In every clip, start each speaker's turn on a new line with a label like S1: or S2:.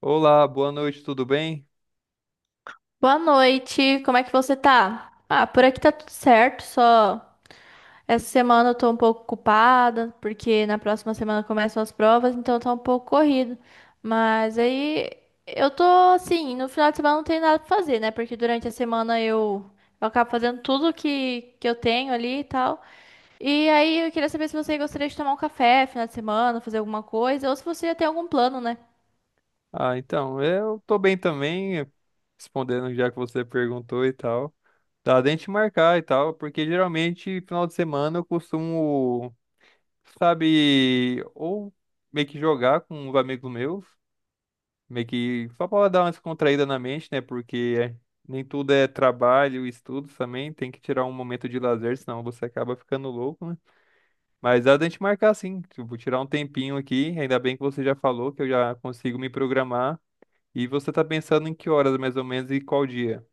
S1: Olá, boa noite, tudo bem?
S2: Boa noite, como é que você tá? Ah, por aqui tá tudo certo, só essa semana eu tô um pouco ocupada, porque na próxima semana começam as provas, então tá um pouco corrido. Mas aí eu tô assim, no final de semana não tem nada pra fazer, né? Porque durante a semana eu acabo fazendo tudo que eu tenho ali e tal. E aí eu queria saber se você gostaria de tomar um café final de semana, fazer alguma coisa, ou se você já tem algum plano, né?
S1: Ah, então, eu tô bem também, respondendo já que você perguntou e tal. Dá da gente marcar e tal, porque geralmente final de semana eu costumo, sabe, ou meio que jogar com os amigos meus, meio que só pra dar uma descontraída na mente, né? Porque nem tudo é trabalho, estudos também, tem que tirar um momento de lazer, senão você acaba ficando louco, né? Mas dá da gente marcar sim, tipo, tirar um tempinho aqui, ainda bem que você já falou que eu já consigo me programar. E você tá pensando em que horas mais ou menos e qual dia?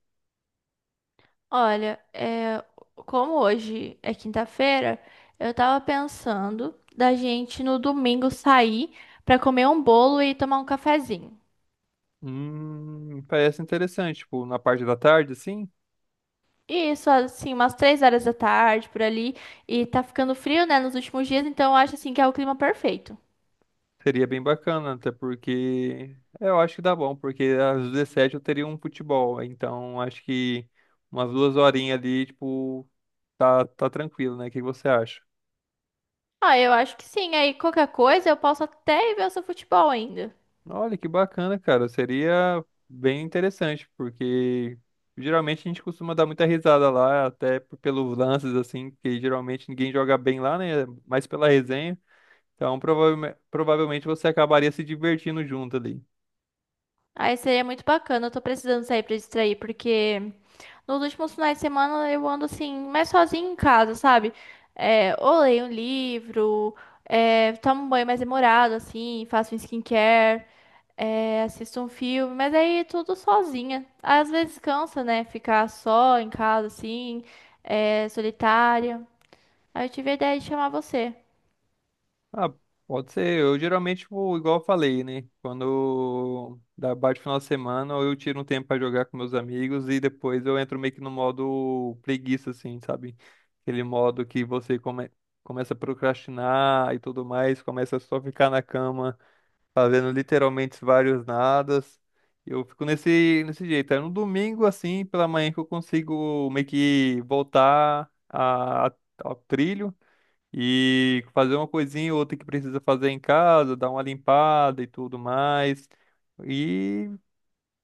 S2: Olha, como hoje é quinta-feira, eu tava pensando da gente no domingo sair pra comer um bolo e tomar um cafezinho.
S1: Parece interessante, tipo, na parte da tarde, sim,
S2: E isso, assim, umas 3 horas da tarde por ali. E tá ficando frio, né, nos últimos dias, então eu acho assim que é o clima perfeito.
S1: seria bem bacana, até porque é, eu acho que dá bom, porque às 17 eu teria um futebol, então acho que umas 2 horinhas ali, tipo, tá, tá tranquilo, né? O que que você acha?
S2: Ah, eu acho que sim. Aí qualquer coisa eu posso até ir ver o seu futebol ainda.
S1: Olha que bacana, cara. Seria bem interessante, porque geralmente a gente costuma dar muita risada lá, até pelos lances, assim, que geralmente ninguém joga bem lá, né? Mas pela resenha. Então, provavelmente você acabaria se divertindo junto ali.
S2: Aí seria muito bacana. Eu tô precisando sair pra distrair, porque nos últimos finais de semana eu ando assim, mais sozinha em casa, sabe? É, ou leio um livro, tomo um banho mais demorado, assim, faço um skincare, assisto um filme, mas aí tudo sozinha. Às vezes cansa, né? Ficar só em casa, assim, solitária. Aí eu tive a ideia de chamar você.
S1: Ah, pode ser. Eu geralmente, tipo, igual eu falei, né? Quando bate o final de semana, eu tiro um tempo pra jogar com meus amigos e depois eu entro meio que no modo preguiça, assim, sabe? Aquele modo que você começa a procrastinar e tudo mais, começa só ficar na cama fazendo literalmente vários nadas. Eu fico nesse jeito. É no domingo, assim, pela manhã que eu consigo meio que voltar a, ao trilho e fazer uma coisinha ou outra que precisa fazer em casa, dar uma limpada e tudo mais. E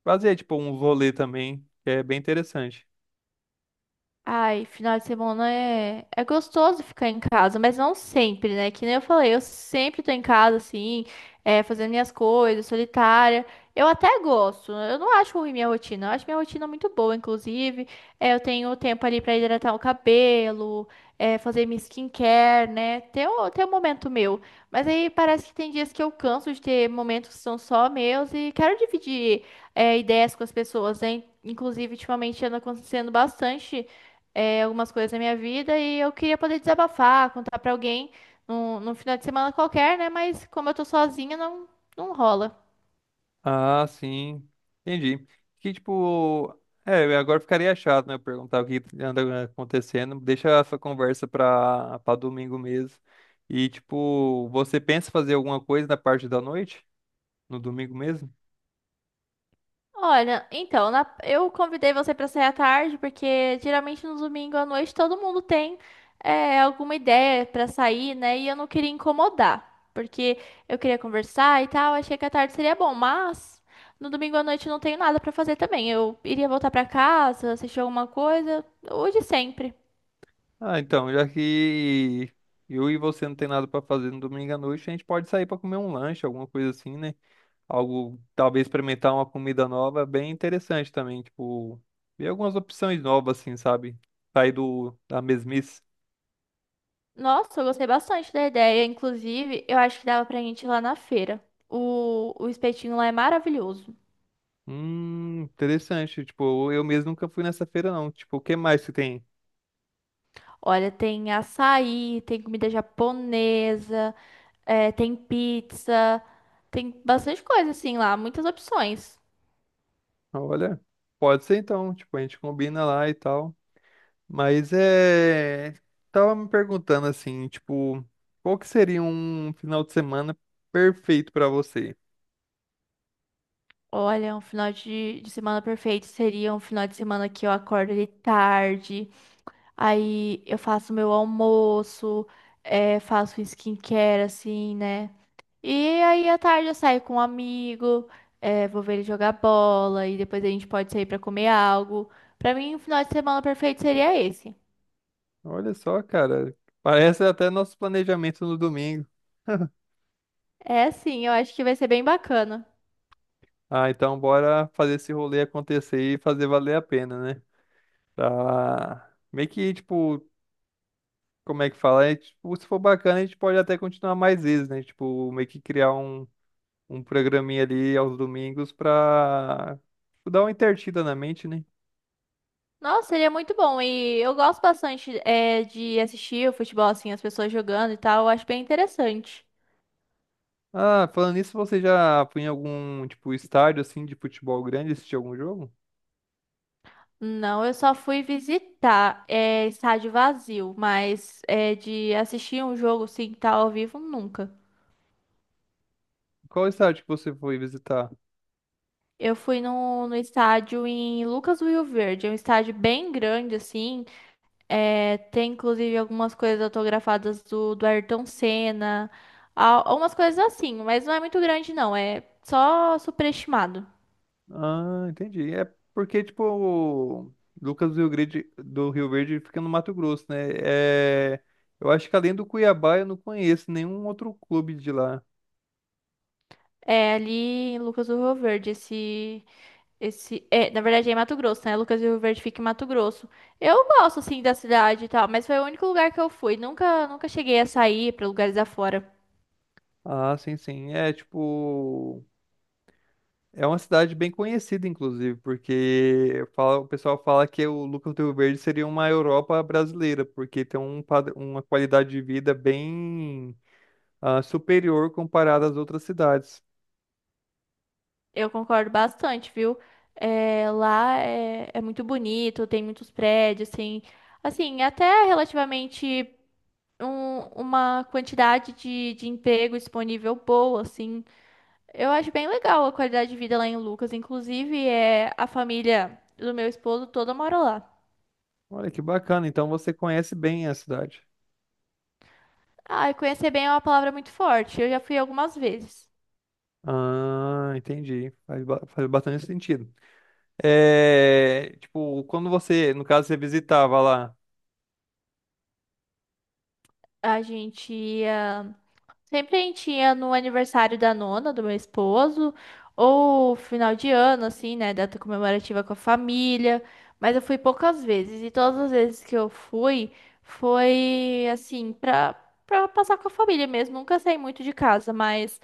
S1: fazer, tipo, um rolê também, que é bem interessante.
S2: Ai, final de semana é gostoso ficar em casa, mas não sempre, né? Que nem eu falei, eu sempre tô em casa, assim, fazendo minhas coisas, solitária. Eu até gosto, eu não acho ruim minha rotina, eu acho minha rotina muito boa, inclusive. É, eu tenho um tempo ali pra hidratar o cabelo, fazer minha skincare, né? Tem o momento meu. Mas aí parece que tem dias que eu canso de ter momentos que são só meus e quero dividir, ideias com as pessoas, né? Inclusive, ultimamente anda acontecendo bastante algumas coisas da minha vida e eu queria poder desabafar, contar pra alguém num final de semana qualquer, né? Mas como eu tô sozinha, não rola.
S1: Ah, sim. Entendi. Que, tipo, é, agora ficaria chato, né? Eu perguntar o que anda acontecendo. Deixa essa conversa pra domingo mesmo. E, tipo, você pensa em fazer alguma coisa na parte da noite? No domingo mesmo?
S2: Olha, então, eu convidei você pra sair à tarde, porque geralmente no domingo à noite todo mundo tem alguma ideia pra sair, né? E eu não queria incomodar, porque eu queria conversar e tal, achei que a tarde seria bom, mas no domingo à noite eu não tenho nada pra fazer também. Eu iria voltar pra casa, assistir alguma coisa, o de sempre.
S1: Ah, então, já que eu e você não tem nada pra fazer no domingo à noite, a gente pode sair pra comer um lanche, alguma coisa assim, né? Algo, talvez experimentar uma comida nova, bem interessante também, tipo, ver algumas opções novas assim, sabe? Sair do da mesmice.
S2: Nossa, eu gostei bastante da ideia. Inclusive, eu acho que dava pra gente ir lá na feira. O espetinho lá é maravilhoso.
S1: Interessante, tipo, eu mesmo nunca fui nessa feira não. Tipo, o que mais que tem?
S2: Olha, tem açaí, tem comida japonesa, tem pizza, tem bastante coisa assim lá, muitas opções.
S1: Olha, pode ser então, tipo, a gente combina lá e tal. Mas é. Tava me perguntando assim, tipo, qual que seria um final de semana perfeito pra você?
S2: Olha, um final de semana perfeito seria um final de semana que eu acordo de tarde, aí eu faço meu almoço, faço um skincare assim, né? E aí à tarde eu saio com um amigo, vou ver ele jogar bola e depois a gente pode sair pra comer algo. Pra mim, um final de semana perfeito seria esse.
S1: Olha só, cara, parece até nosso planejamento no domingo.
S2: É sim, eu acho que vai ser bem bacana.
S1: Ah, então bora fazer esse rolê acontecer e fazer valer a pena, né? Tá. Meio que, tipo, como é que fala? É, tipo, se for bacana, a gente pode até continuar mais vezes, né? Tipo, meio que criar um programinha ali aos domingos pra tipo, dar uma intertida na mente, né?
S2: Nossa, seria muito bom. E eu gosto bastante de assistir o futebol, assim, as pessoas jogando e tal. Eu acho bem interessante.
S1: Ah, falando nisso, você já foi em algum, tipo, estádio, assim, de futebol grande assistir algum jogo?
S2: Não, eu só fui visitar estádio vazio, mas de assistir um jogo assim, que tá ao vivo, nunca.
S1: Qual estádio que você foi visitar?
S2: Eu fui no estádio em Lucas do Rio Verde. É um estádio bem grande, assim. É, tem, inclusive, algumas coisas autografadas do Ayrton Senna. Umas coisas assim, mas não é muito grande, não. É só superestimado.
S1: Ah, entendi. É porque, tipo, o Lucas do Rio Grande, do Rio Verde fica no Mato Grosso, né? É... Eu acho que além do Cuiabá, eu não conheço nenhum outro clube de lá.
S2: É ali em Lucas do Rio Verde. Esse, é, na verdade, é em Mato Grosso, né? Lucas do Rio Verde fica em Mato Grosso. Eu gosto, assim, da cidade e tal, mas foi o único lugar que eu fui. Nunca cheguei a sair para lugares afora.
S1: Ah, sim, sim. É, tipo... É uma cidade bem conhecida, inclusive, porque o pessoal fala que o Lucas do Rio Verde seria uma Europa brasileira, porque tem um uma qualidade de vida bem ah, superior comparada às outras cidades.
S2: Eu concordo bastante, viu? É, lá é muito bonito, tem muitos prédios, tem, assim, até relativamente uma quantidade de emprego disponível boa, assim. Eu acho bem legal a qualidade de vida lá em Lucas. Inclusive, é, a família do meu esposo toda mora lá.
S1: Olha que bacana, então você conhece bem a cidade.
S2: Ah, e conhecer bem é uma palavra muito forte. Eu já fui algumas vezes.
S1: Ah, entendi. Faz, faz bastante sentido. É, tipo, quando você, no caso, você visitava lá.
S2: A gente ia. Sempre a gente ia no aniversário da nona, do meu esposo, ou final de ano, assim, né? Data comemorativa com a família. Mas eu fui poucas vezes, e todas as vezes que eu fui, foi assim, pra passar com a família mesmo. Nunca saí muito de casa, mas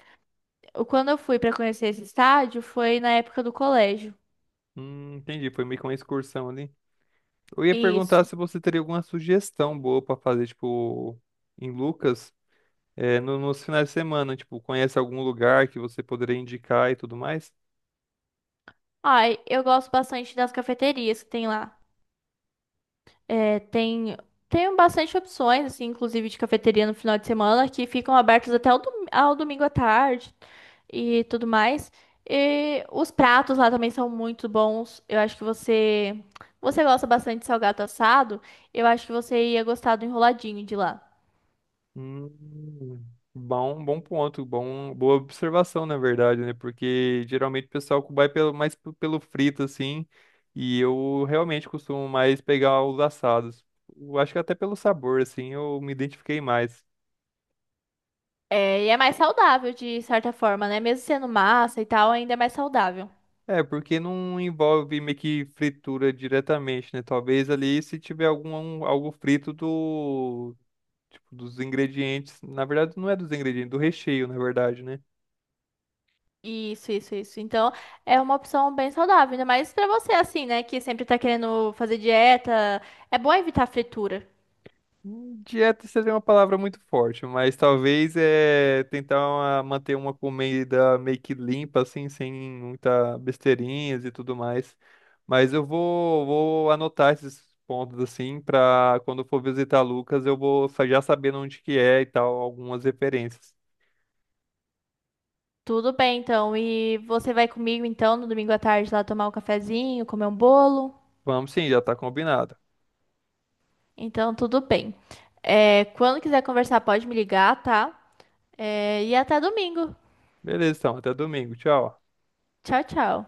S2: quando eu fui pra conhecer esse estádio, foi na época do colégio.
S1: Entendi, foi meio que uma excursão ali. Eu ia perguntar
S2: Isso.
S1: se você teria alguma sugestão boa pra fazer, tipo, em Lucas, é, nos finais de semana, tipo, conhece algum lugar que você poderia indicar e tudo mais?
S2: Ai, eu gosto bastante das cafeterias que tem lá. É, tem, tem bastante opções, assim, inclusive de cafeteria no final de semana, que ficam abertas até ao, ao domingo à tarde e tudo mais. E os pratos lá também são muito bons. Eu acho que você gosta bastante de salgado assado, eu acho que você ia gostar do enroladinho de lá.
S1: Hum, bom, bom ponto, bom, boa observação, na verdade, né? Porque geralmente o pessoal vai pelo, mais pelo frito, assim, e eu realmente costumo mais pegar os assados. Eu acho que até pelo sabor, assim, eu me identifiquei mais.
S2: É, e é mais saudável, de certa forma, né? Mesmo sendo massa e tal, ainda é mais saudável.
S1: É, porque não envolve meio que fritura diretamente, né? Talvez ali se tiver algum algo frito do tipo dos ingredientes, na verdade não é dos ingredientes, do recheio, na verdade, né?
S2: Isso, isso, isso. Então, é uma opção bem saudável, ainda mais pra você assim, né, que sempre tá querendo fazer dieta. É bom evitar fritura.
S1: Dieta seria uma palavra muito forte, mas talvez é tentar manter uma comida meio que limpa, assim, sem muita besteirinhas e tudo mais. Mas eu vou anotar esses pontos, assim, para quando for visitar Lucas, eu vou já sabendo onde que é e tal, algumas referências.
S2: Tudo bem, então. E você vai comigo então no domingo à tarde lá tomar um cafezinho, comer um bolo.
S1: Vamos sim, já tá combinado.
S2: Então, tudo bem. É, quando quiser conversar, pode me ligar, tá? É, e até domingo.
S1: Beleza, então, até domingo. Tchau.
S2: Tchau, tchau.